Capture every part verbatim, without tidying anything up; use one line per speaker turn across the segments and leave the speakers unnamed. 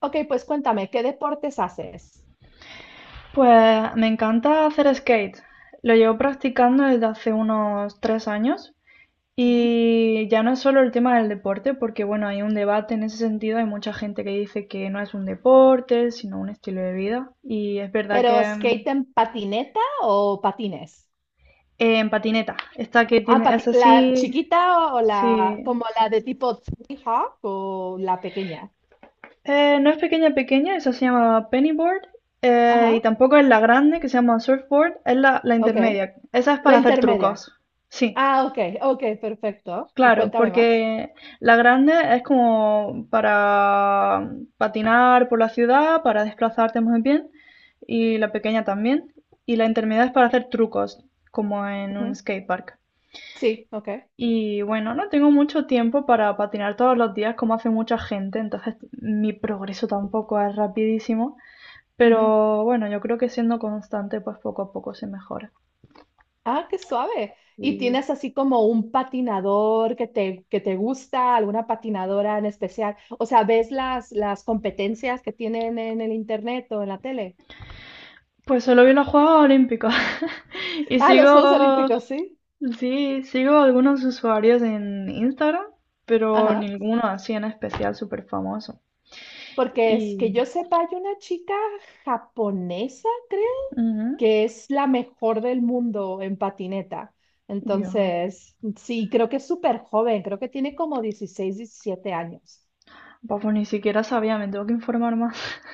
Ok, pues cuéntame, ¿qué deportes haces?
Pues me encanta hacer skate. Lo llevo practicando desde hace unos tres años
Ujú.
y ya no es solo el tema del deporte, porque bueno, hay un debate en ese sentido, hay mucha gente que dice que no es un deporte, sino un estilo de vida. Y es verdad
¿Pero
que mm,
skate en patineta o patines?
eh, en patineta, esta que
Ah,
tiene,
pati-
es
¿la
así,
chiquita o o la,
sí.
como la de tipo Tony Hawk o la pequeña?
Eh, no es pequeña pequeña, esa se llama pennyboard eh, y
Ajá,
tampoco es la grande que se llama surfboard, es la, la
ok.
intermedia. Esa es
La
para hacer
intermedia.
trucos. Sí.
Ah, ok, ok, perfecto. Y
Claro,
cuéntame más.
porque la grande es como para patinar por la ciudad, para desplazarte muy bien, y la pequeña también. Y la intermedia es para hacer trucos, como en un
Ujú.
skatepark.
Sí, ok.
Y bueno, no tengo mucho tiempo para patinar todos los días como hace mucha gente, entonces mi progreso tampoco es rapidísimo, pero bueno, yo creo que siendo constante, pues poco a poco se mejora.
Ah, qué suave. ¿Y
Y
tienes así como un patinador que te, que te gusta, alguna patinadora en especial? O sea, ¿ves las, las competencias que tienen en el internet o en la tele?
pues solo vi las Juegos Olímpicos y
Ah, los Juegos
sigo
Olímpicos, sí.
Sí, sigo algunos usuarios en Instagram, pero
Ajá.
ninguno así en especial súper famoso.
Porque es
Y...
que yo sepa, hay una chica japonesa, creo,
Ujú.
que es la mejor del mundo en patineta.
Dios,
Entonces, sí, creo que es súper joven, creo que tiene como dieciséis, diecisiete años.
pues ni siquiera sabía, me tengo que informar más.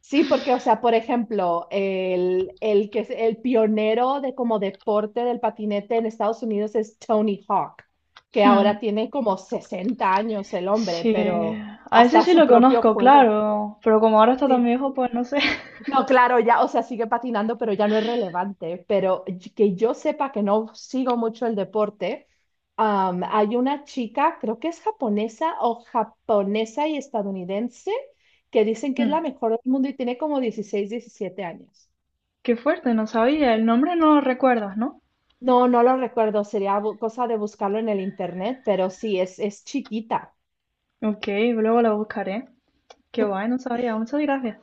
Sí, porque, o sea, por ejemplo, el, el que es el pionero de como deporte del patinete en Estados Unidos es Tony Hawk, que
Hmm.
ahora tiene como sesenta años el hombre,
Sí,
pero
a ese
hasta
sí
su
lo
propio
conozco,
juego.
claro, pero como ahora está tan
Sí.
viejo, pues no sé.
No, claro, ya, o sea, sigue patinando, pero ya no es relevante. Pero y- que yo sepa que no sigo mucho el deporte, am, hay una chica, creo que es japonesa o japonesa y estadounidense, que dicen que es
Hmm.
la mejor del mundo y tiene como dieciséis, diecisiete años.
Qué fuerte, no sabía, el nombre no lo recuerdas, ¿no?
No, no lo recuerdo, sería bu- cosa de buscarlo en el internet, pero sí, es, es chiquita.
Ok, luego lo buscaré. Qué guay, no sabía, muchas gracias.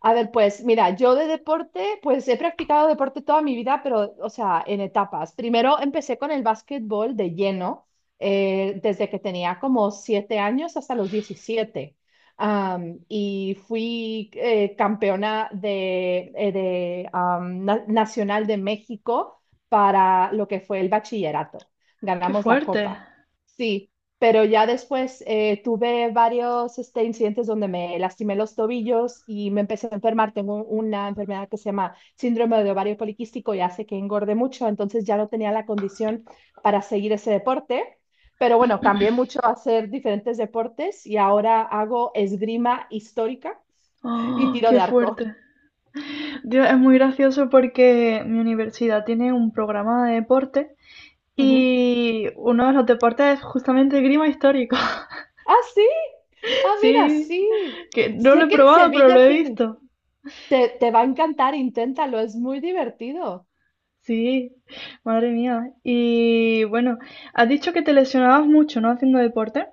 A ver, pues mira, yo de deporte, pues he practicado deporte toda mi vida, pero, o sea, en etapas. Primero empecé con el básquetbol de lleno, eh, desde que tenía como siete años hasta los diecisiete. Am, y fui eh, campeona de, eh, de, am, na- Nacional de México para lo que fue el bachillerato.
Qué
Ganamos la
fuerte.
copa. Sí, pero ya después eh, tuve varios este, incidentes donde me lastimé los tobillos y me empecé a enfermar. Tengo una enfermedad que se llama síndrome de ovario poliquístico y hace que engorde mucho, entonces ya no tenía la condición para seguir ese deporte. Pero bueno, cambié mucho a hacer diferentes deportes y ahora hago esgrima histórica y
Oh,
tiro
qué
de arco.
fuerte. Dios, es muy gracioso porque mi universidad tiene un programa de deporte
Ujú.
y uno de los deportes es justamente esgrima histórico.
Ah, sí. Ah, mira,
Sí,
sí.
que no lo
Sé
he
que en
probado, pero lo
Sevilla
he
tienes.
visto.
Te, te va a encantar, inténtalo, es muy divertido.
Sí, madre mía. Y bueno, has dicho que te lesionabas mucho, ¿no? Haciendo deporte.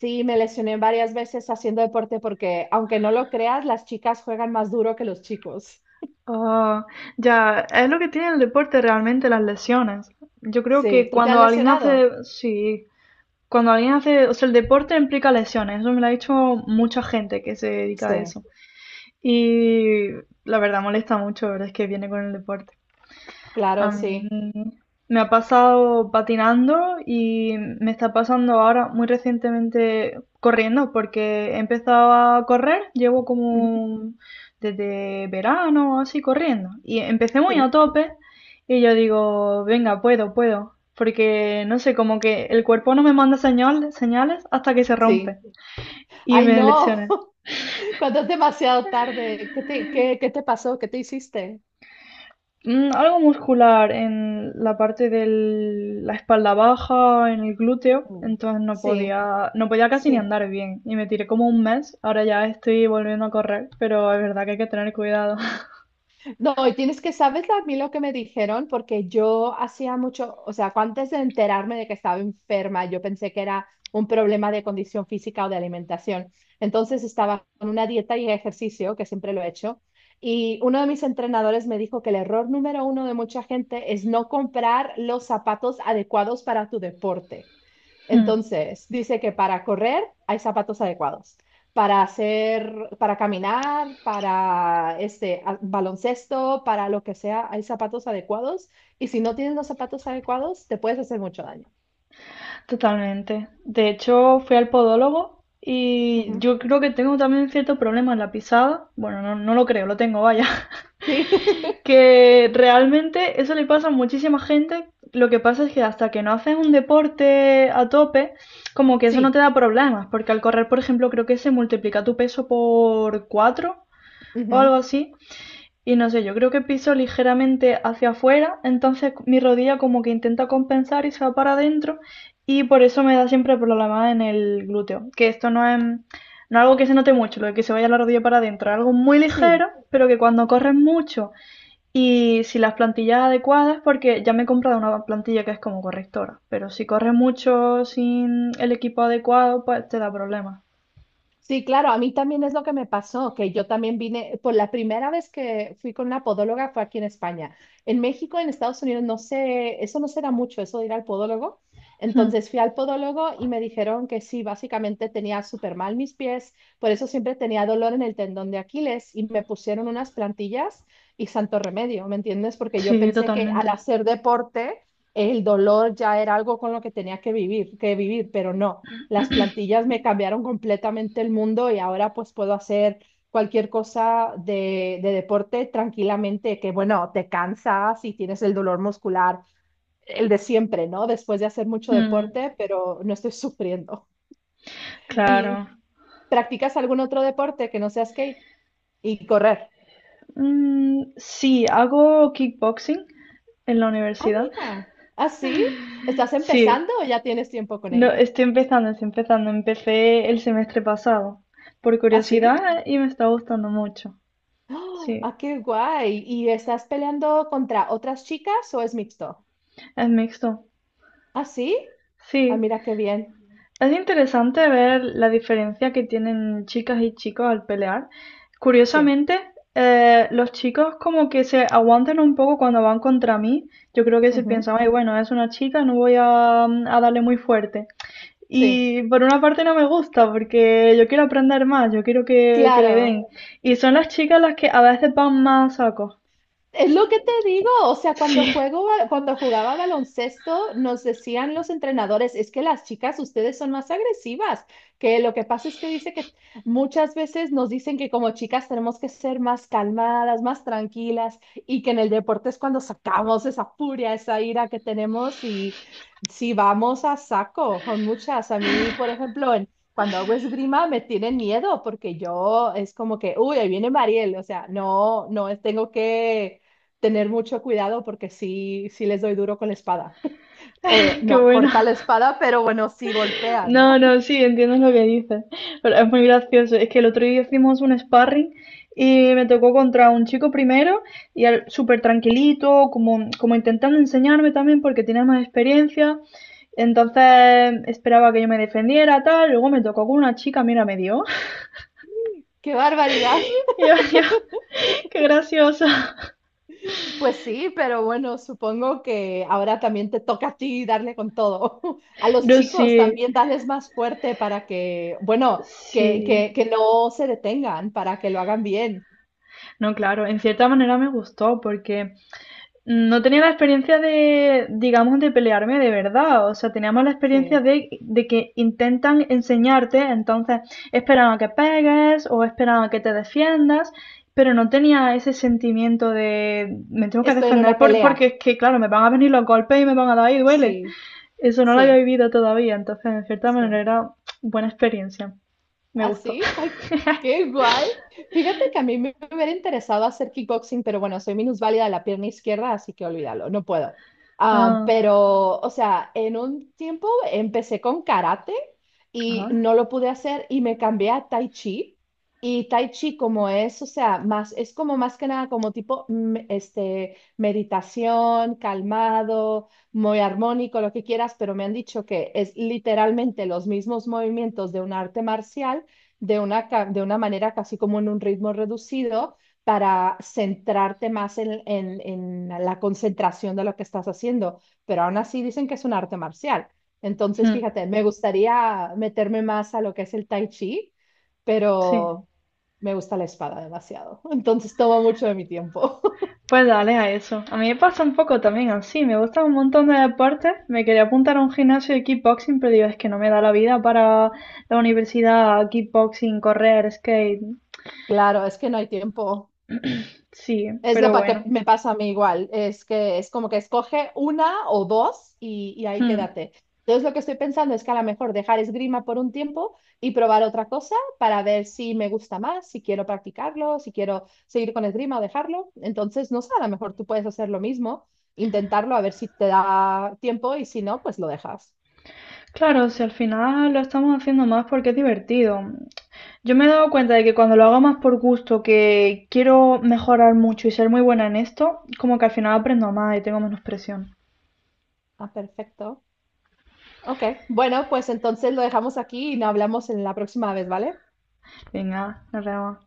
Sí, me lesioné varias veces haciendo deporte porque, aunque no lo creas, las chicas juegan más duro que los chicos.
Ah, ya, es lo que tiene el deporte realmente, las lesiones. Yo creo
Sí,
que
¿tú te has
cuando alguien
lesionado?
hace, sí, cuando alguien hace, o sea, el deporte implica lesiones. Eso me lo ha dicho mucha gente que se dedica a
Sí,
eso. Y la verdad molesta mucho, verdad, es que viene con el deporte. A
claro,
mí
sí.
me ha pasado patinando y me está pasando ahora muy recientemente corriendo, porque he empezado a correr, llevo
Ujú.
como desde verano así corriendo. Y empecé muy a
Sí,
tope y yo digo, venga, puedo, puedo. Porque no sé, como que el cuerpo no me manda señal- señales hasta que se rompe
sí.
y
Ay,
me
no,
lesioné.
cuando es demasiado tarde, ¿qué te, qué, qué te pasó? ¿Qué te hiciste?
Mm, algo muscular en la parte de la espalda baja, en el glúteo,
Mm.
entonces no
Sí,
podía, no podía casi ni
sí.
andar bien y me tiré como un mes, ahora ya estoy volviendo a correr, pero es verdad que hay que tener cuidado.
No, y tienes que, ¿sabes lo- a mí lo que me dijeron? Porque yo hacía mucho, o sea, antes de enterarme de que estaba enferma, yo pensé que era un problema de condición física o de alimentación. Entonces estaba con una dieta y ejercicio, que siempre lo he hecho, y uno de mis entrenadores me dijo que el error número uno de mucha gente es no comprar los zapatos adecuados para tu deporte.
Mm.
Entonces, dice que para correr hay zapatos adecuados, para hacer, para caminar, para este a- baloncesto, para lo que sea, hay zapatos adecuados y si no tienes los zapatos adecuados, te puedes hacer mucho daño.
Totalmente. De hecho, fui al podólogo y
Ujú.
yo creo que tengo también cierto problema en la pisada. Bueno, no, no lo creo, lo tengo, vaya.
Sí,
Que realmente eso le pasa a muchísima gente. Lo que pasa es que hasta que no haces un deporte a tope, como que eso no te
sí,
da problemas, porque al correr, por ejemplo, creo que se multiplica tu peso por cuatro o
ujú.
algo así. Y no sé, yo creo que piso ligeramente hacia afuera, entonces mi rodilla como que intenta compensar y se va para adentro y por eso me da siempre problemas en el glúteo. Que esto no es, no es algo que se note mucho, lo de que se vaya la rodilla para adentro, es algo muy ligero,
Sí.
pero que cuando corres mucho y si las plantillas adecuadas, porque ya me he comprado una plantilla que es como correctora, pero si corres mucho sin el equipo adecuado, pues te da problemas.
Sí, claro, a mí también es lo que me pasó, que yo también vine, por la primera vez que fui con una podóloga fue aquí en España. En México, en Estados Unidos, no sé, eso no será mucho, eso de ir al podólogo.
Hmm.
Entonces fui al podólogo y me dijeron que sí, básicamente tenía súper mal mis pies, por eso siempre tenía dolor en el tendón de Aquiles y me pusieron unas plantillas y santo remedio, ¿me entiendes? Porque yo
Sí,
pensé que al
totalmente.
hacer deporte el dolor ya era algo con lo que tenía que vivir, que vivir, pero no las plantillas me cambiaron completamente el mundo y ahora pues puedo hacer cualquier cosa de, de deporte tranquilamente, que bueno, te cansas y tienes el dolor muscular, el de siempre, ¿no? Después de hacer mucho
Hmm.
deporte, pero no estoy sufriendo. ¿Y
Claro.
practicas algún otro deporte que no sea skate y correr?
Mm, sí, hago kickboxing en la
Ah,
universidad.
mira, así. ¿Estás
Sí,
empezando o ya tienes tiempo con
no,
ello?
estoy empezando, estoy empezando. Empecé el semestre pasado, por
¿Así?
curiosidad, y me está gustando mucho.
¿Ah, sí?
Sí,
¡Ah, qué guay! ¿Y estás peleando contra otras chicas o es mixto?
es mixto.
¿Ah, sí? Ah,
Sí.
mira qué bien.
Es interesante ver la diferencia que tienen chicas y chicos al pelear.
Sí.
Curiosamente, eh, los chicos como que se aguantan un poco cuando van contra mí. Yo creo que se
Ujú.
piensan, ay, bueno, es una chica, no voy a, a darle muy fuerte.
Sí.
Y por una parte no me gusta porque yo quiero aprender más, yo quiero que, que le den.
Claro.
Y son las chicas las que a veces van más a saco.
Es lo que te digo, o sea, cuando
Sí,
juego, ba- cuando jugaba baloncesto, nos decían los entrenadores, es que las chicas, ustedes son más agresivas, que lo que pasa es que dice que muchas veces nos dicen que como chicas tenemos que ser más calmadas, más tranquilas, y que en el deporte es cuando sacamos esa furia, esa ira que tenemos y si vamos a saco con muchas. A mí, por ejemplo, en- cuando hago esgrima me tienen miedo porque yo es como que, uy, ahí viene Mariel, o sea, no, no tengo que tener mucho cuidado porque sí, sí les doy duro con la espada. O eh,
qué
no, corta
buena.
la espada, pero bueno, sí golpea,
No,
¿no?
no, sí, entiendes lo que dices. Pero es muy gracioso. Es que el otro día hicimos un sparring y me tocó contra un chico primero y al- súper tranquilito, como, como intentando enseñarme también porque tenía más experiencia. Entonces esperaba que yo me defendiera, tal. Luego me tocó con una chica, mira, me dio.
¡Qué barbaridad!
Y yo, yo, qué graciosa.
Pues sí, pero bueno, supongo que ahora también te toca a ti darle con todo. A los
No,
chicos
sí,
también darles más fuerte para que, bueno, que,
sí.
que, que no se detengan, para que lo hagan bien.
No, claro, en cierta manera me gustó porque no tenía la experiencia de, digamos, de pelearme de verdad. O sea, teníamos la experiencia
Sí.
de, de que intentan enseñarte, entonces esperan a que pegues o esperan a que te defiendas, pero no tenía ese sentimiento de me tengo que
Estoy en
defender
una
por- porque
pelea.
es que, claro, me van a venir los golpes y me van a dar y duele.
Sí,
Eso no lo había
sí,
vivido todavía, entonces, en cierta manera,
sí.
era buena experiencia. Me gustó.
¿Así? Ay, qué guay. Fíjate que a mí me hubiera interesado hacer kickboxing, pero bueno, soy minusválida de la pierna izquierda, así que olvídalo, no puedo. Ah,
Ah,
pero, o sea, en un tiempo empecé con karate y
ah,
no lo pude hacer y me cambié a tai chi. Y tai chi como es, o sea, más, es como más que nada como tipo, mm, este, meditación, calmado, muy armónico, lo que quieras, pero me han dicho que es literalmente los mismos movimientos de un arte marcial de una, ca- de una manera casi como en un ritmo reducido para centrarte más en, en- en la concentración de lo que estás haciendo. Pero aún así dicen que es un arte marcial. Entonces,
hmm,
fíjate, me gustaría meterme más a lo que es el tai chi,
sí.
pero me gusta la espada demasiado. Entonces toma mucho de mi tiempo.
Pues dale a eso. A mí me pasa un poco también así. Me gustan un montón de deportes. Me quería apuntar a un gimnasio de kickboxing, pero digo, es que no me da la vida para la universidad, kickboxing, correr, skate.
Claro, es que no hay tiempo.
Sí,
Es lo
pero
pa- que
bueno.
me pasa a mí igual, es que es como que escoge una o dos y, y ahí
Hmm.
quédate. Entonces lo que estoy pensando es que a lo mejor dejar esgrima por un tiempo y probar otra cosa para ver si me gusta más, si quiero practicarlo, si quiero seguir con esgrima o dejarlo. Entonces, no sé, a lo mejor tú puedes hacer lo mismo, intentarlo a ver si te da tiempo y si no, pues lo dejas.
Claro, si al final lo estamos haciendo más porque es divertido. Yo me he dado cuenta de que cuando lo hago más por gusto, que quiero mejorar mucho y ser muy buena en esto, como que al final aprendo más y tengo menos presión.
Ah, perfecto. Ok, bueno, pues entonces lo dejamos aquí y no hablamos en la próxima vez, ¿vale?
Venga, nos vemos.